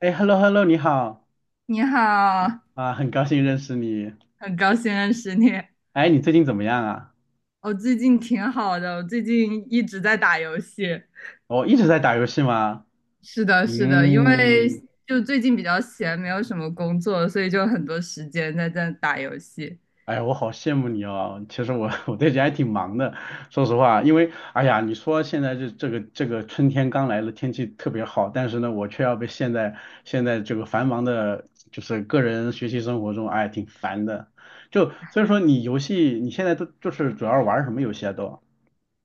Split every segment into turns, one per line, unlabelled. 哎，hello hello，你好
你好，
啊，很高兴认识你。
很高兴认识你。
哎，你最近怎么样啊？
我最近挺好的，我最近一直在打游戏。
我一直在打游戏吗？
是的，是的，因为
嗯，
就最近比较闲，没有什么工作，所以就很多时间在打游戏。
哎，我好羡慕你哦。其实我 我最近还挺忙的，说实话，因为哎呀，你说现在这个春天刚来了，天气特别好，但是呢，我却要被陷在现在这个繁忙的，就是个人学习生活中，哎，挺烦的。就所以说，你游戏你现在都就是主要玩什么游戏啊都？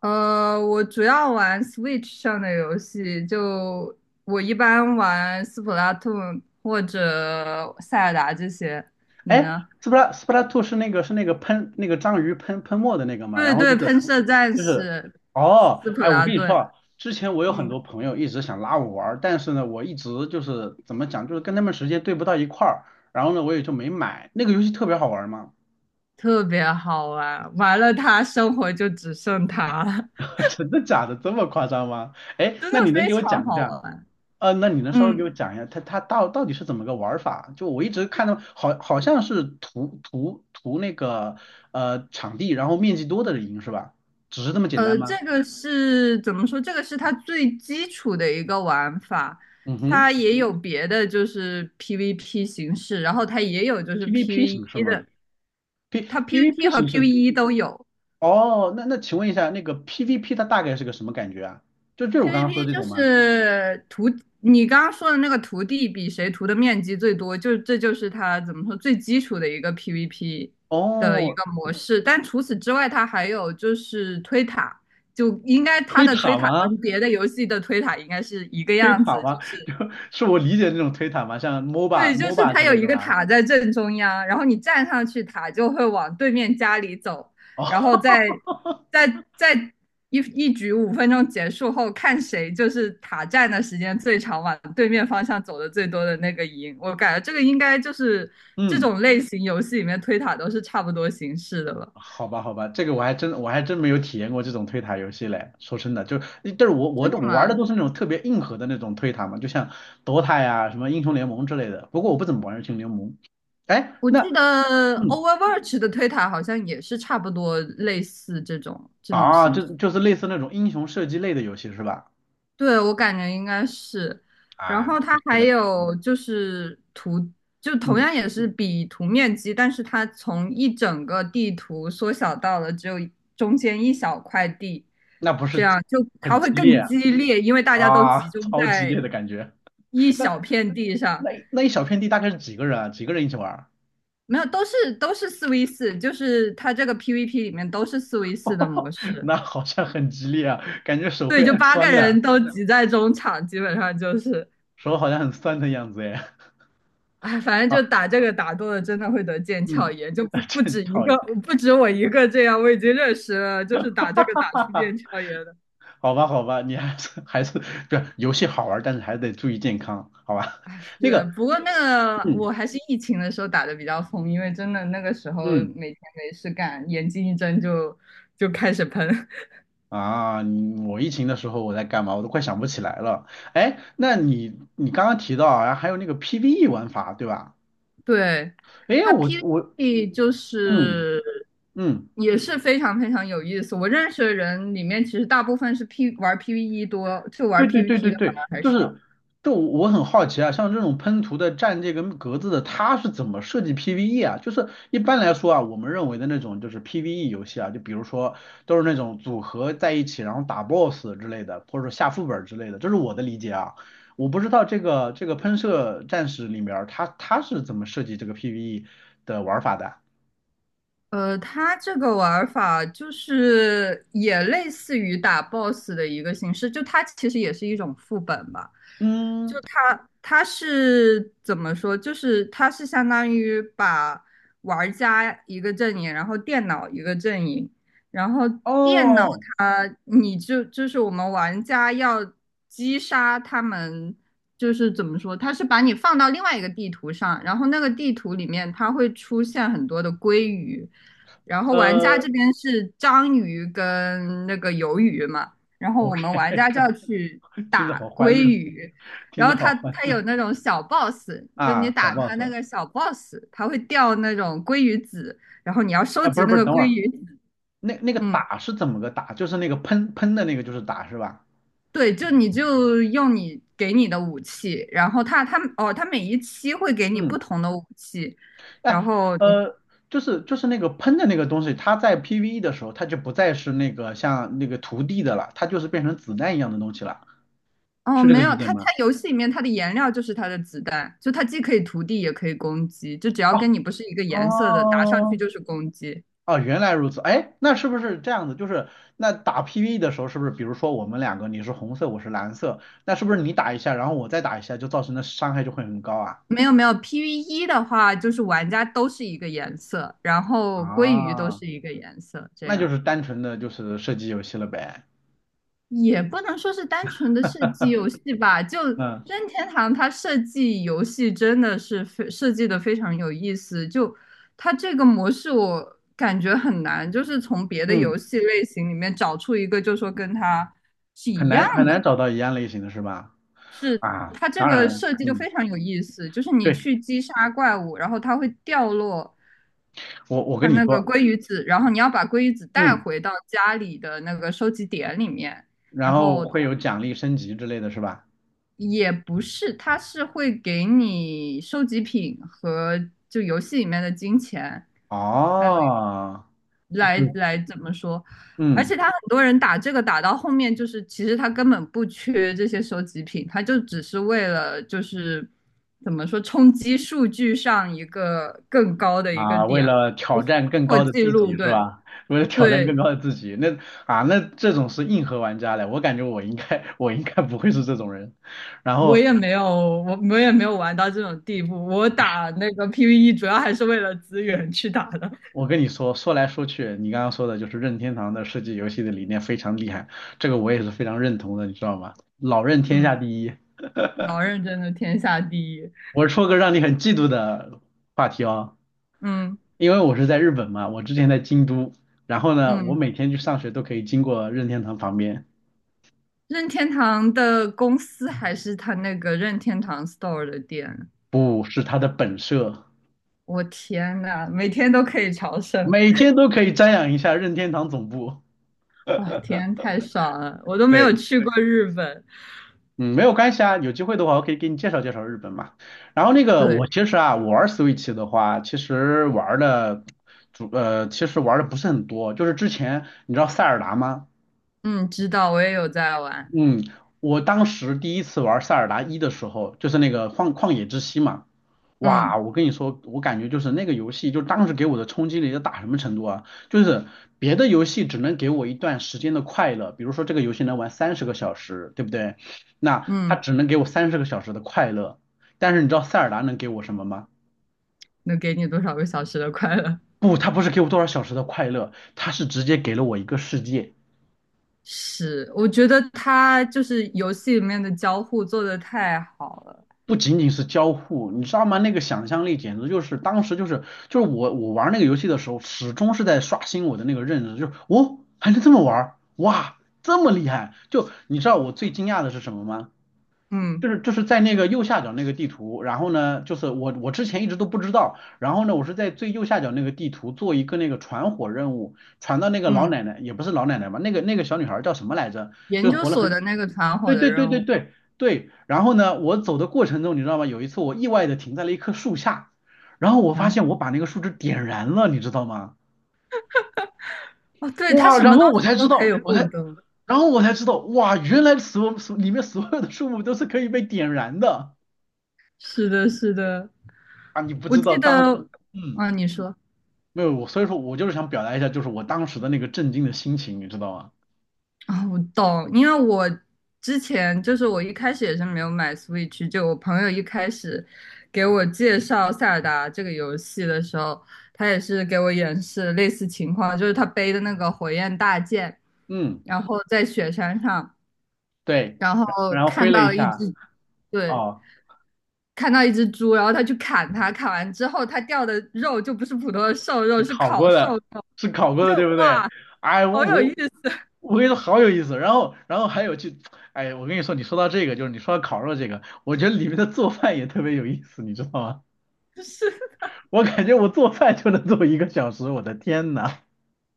呃，我主要玩 Switch 上的游戏，就我一般玩斯普拉 a 或者塞尔达这些。你
哎
呢？
s s p t 斯普拉斯 Two 是那个喷那个章鱼喷喷墨的那个嘛？
对
然后就
对，
是
喷射战
就是
士、
哦，
斯普
哎，我
拉
跟你说
顿。
啊，之前我有很
嗯。
多朋友一直想拉我玩儿但是呢，我一直就是怎么讲，就是跟他们时间对不到一块儿，然后呢，我也就没买。那个游戏特别好玩儿吗？
特别好玩，玩了它，生活就只剩它了，
真的假的？这么夸张吗？哎，
真
那你
的
能
非
给我
常
讲一
好
下？
玩。
那你能稍微给
嗯，
我讲一下，它到底是怎么个玩法？就我一直看到好像是图那个场地，然后面积多的人赢是吧？只是这么简
呃，
单
这
吗？
个是怎么说？这个是它最基础的一个玩法，
嗯哼
它也有别的，就是 PVP 形式，然后它也有就是
，PVP 形式
PVE
吗
的，
？P
它
PVP
PVP 和
形式？
PVE 都有。
哦，那请问一下，那个 PVP 它大概是个什么感觉啊？就是我刚刚说
PVP
的这
就
种吗？
是图，你刚刚说的那个图地比谁图的面积最多，就这就是它怎么说最基础的一个 PVP 的一
哦，
个模式。但除此之外，它还有就是推塔，就应该它
推
的推
塔
塔
吗？
跟别的游戏的推塔应该是一个
推
样
塔
子，
吗？
就是
就是我理解的那种推塔吗？像 MOBA
对，就是
MOBA
它
之
有
类
一
的
个
吗？
塔在正中央，然后你站上去，塔就会往对面家里走，然后
哦，
再再一局五分钟结束后，看谁就是塔站的时间最长，往对面方向走的最多的那个赢。我感觉这个应该就是 这
嗯。
种类型游戏里面推塔都是差不多形式的了。
好吧，好吧，这个我还真没有体验过这种推塔游戏嘞。说真的，就但是我我
真的
我玩的
吗？
都是那种特别硬核的那种推塔嘛，就像 DOTA 呀、什么英雄联盟之类的。不过我不怎么玩英雄联盟。哎，
我
那
记得
嗯
Overwatch 的推塔好像也是差不多类似这种
啊，
形
就
式。
就是类似那种英雄射击类的游戏是吧？
对，我感觉应该是。然
啊，
后
可
它
惜
还
了，可惜了
有就是图，就同
嗯，
样也是比图面积，但是它从一整个地图缩小到了只有中间一小块地，
那不
这
是
样就
很
它会
激
更
烈啊，
激烈，因为大家都
啊
集中
超激
在
烈的感觉。
一
那
小片地上。
那一小片地大概是几个人啊？几个人一起玩儿？
没有，都是四 v 四，就是它这个 PVP 里面都是四 v 四的模 式。
那好像很激烈啊，感觉手
对，
会
就
摁
八个
酸的。
人都挤在中场，基本上就是。
手好像很酸的样子哎。
哎，反正 就
啊，
打这个打多了，真的会得腱鞘
嗯，
炎，就不 不
真
止一
讨厌。
个，不止我一个这样，我已经认识了，就是打这个打出 腱鞘炎的。
好吧，好吧，你还是不是游戏好玩，但是还得注意健康，好吧？
哎，
那
是，
个，
不过那个
嗯
我还是疫情的时候打的比较疯，因为真的那个时候
嗯
每天没事干，眼睛一睁就开始喷。
啊，我疫情的时候我在干嘛？我都快想不起来了。哎，那你刚刚提到啊，还有那个 PVE 玩法，对吧？
对，
哎，
它
我
PVP 就
嗯
是
嗯。
也是非常非常有意思。我认识的人里面，其实大部分是 P 玩 PVE 多，就玩
对对对
PVP
对
的反
对，
而还
就
少。
是就我很好奇啊，像这种喷涂的蘸这个格子的，它是怎么设计 PVE 啊？就是一般来说啊，我们认为的那种就是 PVE 游戏啊，就比如说都是那种组合在一起，然后打 BOSS 之类的，或者说下副本之类的，这是我的理解啊。我不知道这个喷射战士里面儿它是怎么设计这个 PVE 的玩法的啊？
呃，它这个玩儿法就是也类似于打 boss 的一个形式，就它其实也是一种副本吧。
嗯，
它是怎么说？就是它是相当于把玩家一个阵营，然后电脑一个阵营，然后电脑
哦，
它你就是我们玩家要击杀他们，就是怎么说？它是把你放到另外一个地图上，然后那个地图里面它会出现很多的鲑鱼，然后玩家
呃
这边是章鱼跟那个鱿鱼嘛，然后我们
，OK，
玩家就要去
听着
打
好
鲑
欢乐，
鱼。
听
然后
着好
它
欢
它有
乐
那种小 boss，就你
啊，小
打它
boss。
那个小 boss，它会掉那种鲑鱼籽，然后你要收
啊，不
集
是不
那
是，
个
等会
鲑
儿，
鱼籽
那个
嗯，
打是怎么个打？就是那个喷喷的那个就是打是吧？
对，就你就用你给你的武器，然后它哦，它每一期会给你不
嗯，
同的武器，然
哎，
后你
呃，就是那个喷的那个东西，它在 PVE 的时候，它就不再是那个像那个涂地的了，它就是变成子弹一样的东西了，
哦
是这
没
个
有，
理解
它
吗？
游戏里面它的颜料就是它的子弹，就它既可以涂地也可以攻击，就只要
哦
跟你不是一个颜色的，打上去
哦
就是攻击。
哦，原来如此，哎，那是不是这样子？就是那打 PVE 的时候，是不是比如说我们两个你是红色，我是蓝色，那是不是你打一下，然后我再打一下，就造成的伤害就会很高啊？
没有没有，PV E 的话，就是玩家都是一个颜色，然后鲑鱼都
啊。
是一个颜色，这
那就
样
是单纯的就是射击游戏了呗。
也不能说是单纯的设计游戏吧。就
嗯
任天堂它设计游戏真的是非设计的非常有意思，就它这个模式我感觉很难，就是从别的
嗯，
游戏类型里面找出一个，就说跟它是
很
一样
难很
的。
难找到一样类型的是吧？啊，
它这
当
个
然，
设计就
嗯，
非常有意思，就是你
对，
去击杀怪物，然后它会掉落
我跟
它
你
那个
说，
鲑鱼子，然后你要把鲑鱼子带
嗯，
回到家里的那个收集点里面，
然
然
后
后
会有奖励升级之类的是吧？
也不是，它是会给你收集品和就游戏里面的金钱，还有
哦，对，
怎么说？而
嗯
且他很多人打这个打到后面，就是其实他根本不缺这些收集品，他就只是为了就是怎么说冲击数据上一个更高的一个
啊，为
点，
了
就
挑
是
战更
破
高的
纪
自己
录。
是
对
吧？为了挑战更
对，
高的自己，那这种是硬核玩家嘞，我感觉我应该 我应该不会是这种人。然
我
后
也没有我我也没有玩到这种地步，我打那个 PVE 主要还是为了资源去打的。
我跟你说，说来说去，你刚刚说的就是任天堂的设计游戏的理念非常厉害，这个我也是非常认同的，你知道吗？老任天下
嗯，
第一。
老认真的天下第一。
我说个让你很嫉妒的话题哦，
嗯
因为我是在日本嘛，我之前在京都，然后呢，我
嗯。
每天去上学都可以经过任天堂旁边，
任天堂的公司还是他那个任天堂 Store 的店？
不是它的本社，
我天呐，每天都可以朝圣，
每天都可以瞻仰一下任天堂总部。
哇，天，太爽了！我都没有
对。
去过日本。
嗯，没有关系啊，有机会的话我可以给你介绍介绍日本嘛。然后那个我
对，
其实啊，我玩 Switch 的话，其实玩的其实玩的不是很多。就是之前你知道塞尔达吗？
嗯，知道，我也有在玩。
嗯，我当时第一次玩塞尔达一的时候，就是那个旷野之息嘛，哇，
嗯
我跟你说，我感觉就是那个游戏，就当时给我的冲击力要大什么程度啊？就是别的游戏只能给我一段时间的快乐，比如说这个游戏能玩三十个小时，对不对？那它
嗯，
只能给我三十个小时的快乐，但是你知道塞尔达能给我什么吗？
能给你多少个小时的快乐？
不，它不是给我多少小时的快乐，它是直接给了我一个世界。
是，我觉得他就是游戏里面的交互做的太好了。
不仅仅是交互，你知道吗？那个想象力简直就是当时就是我玩那个游戏的时候，始终是在刷新我的那个认知，就是哦还能这么玩儿哇这么厉害！就你知道我最惊讶的是什么吗？
嗯
就是在那个右下角那个地图，然后呢，就是我之前一直都不知道，然后呢，我是在最右下角那个地图做一个那个传火任务，传到那个老
嗯，
奶奶也不是老奶奶吧，那个小女孩叫什么来着？
研
就是
究
活了
所
很
的那个团伙
对
的
对对
任
对
务，
对对，然后呢，我走的过程中，你知道吗？有一次我意外的停在了一棵树下，然后我
然
发
后
现我把那个树枝点燃了，你知道吗？
哦，对，他
哇，
什
然
么东
后我
西
才知
都可以
道，
互动。
然后我才知道，哇，原来所里面所有的树木都是可以被点燃的
是的，是的，
啊！你不
我
知
记
道当时，
得，
嗯，
啊，你说
没有我，所以说我就是想表达一下，就是我当时的那个震惊的心情，你知道吗？
啊，我懂，因为我之前就是我一开始也是没有买 Switch，就我朋友一开始给我介绍塞尔达这个游戏的时候，他也是给我演示类似情况，就是他背的那个火焰大剑，
嗯，
然后在雪山上，
对，
然
然
后
然后挥
看
了一
到一
下，
只，对，
哦。
看到一只猪，然后他去砍它，砍完之后它掉的肉就不是普通的瘦肉，
是
是
考
烤
过
瘦肉，
的，是考过
就
的，对不对？
哇。
哎，我
好有意
我
思啊，
我跟你说好有意思，然后还有去，哎，我跟你说，你说到这个，就是你说到烤肉这个，我觉得里面的做饭也特别有意思，你知道吗？
就是
我感觉我做饭就能做1个小时，我的天呐！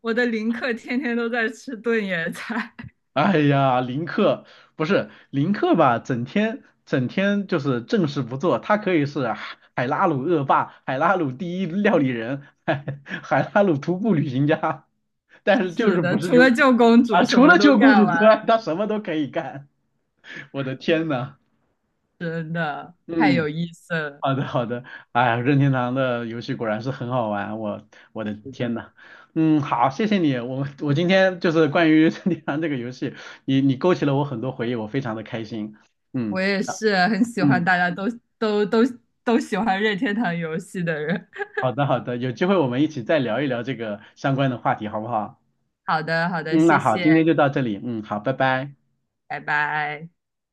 我的林克天天都在吃炖野菜，
哎呀，林克不是林克吧？整天整天就是正事不做，他可以是海拉鲁恶霸、海拉鲁第一料理人、海拉鲁徒步旅行家，但是 就
是
是
的，
不是
除
去
了救公
啊，
主什
除
么
了
都
救公
干
主之
完，
外，他什么都可以干。我的天呐，
真的太
嗯，
有意思了。
好的好的，哎呀任天堂的游戏果然是很好玩，我的
是
天
的，
呐，嗯，好，谢谢你，我今天就是关于 任天堂这个游戏，你勾起了我很多回忆，我非常的开心。
我
嗯
也是很喜欢
嗯，
大家都都都都喜欢任天堂游戏的人。
好的好的，有机会我们一起再聊一聊这个相关的话题，好不好？
好的，好的，
嗯，那
谢
好，
谢，
今天就到这里，嗯，好，拜拜。
拜拜。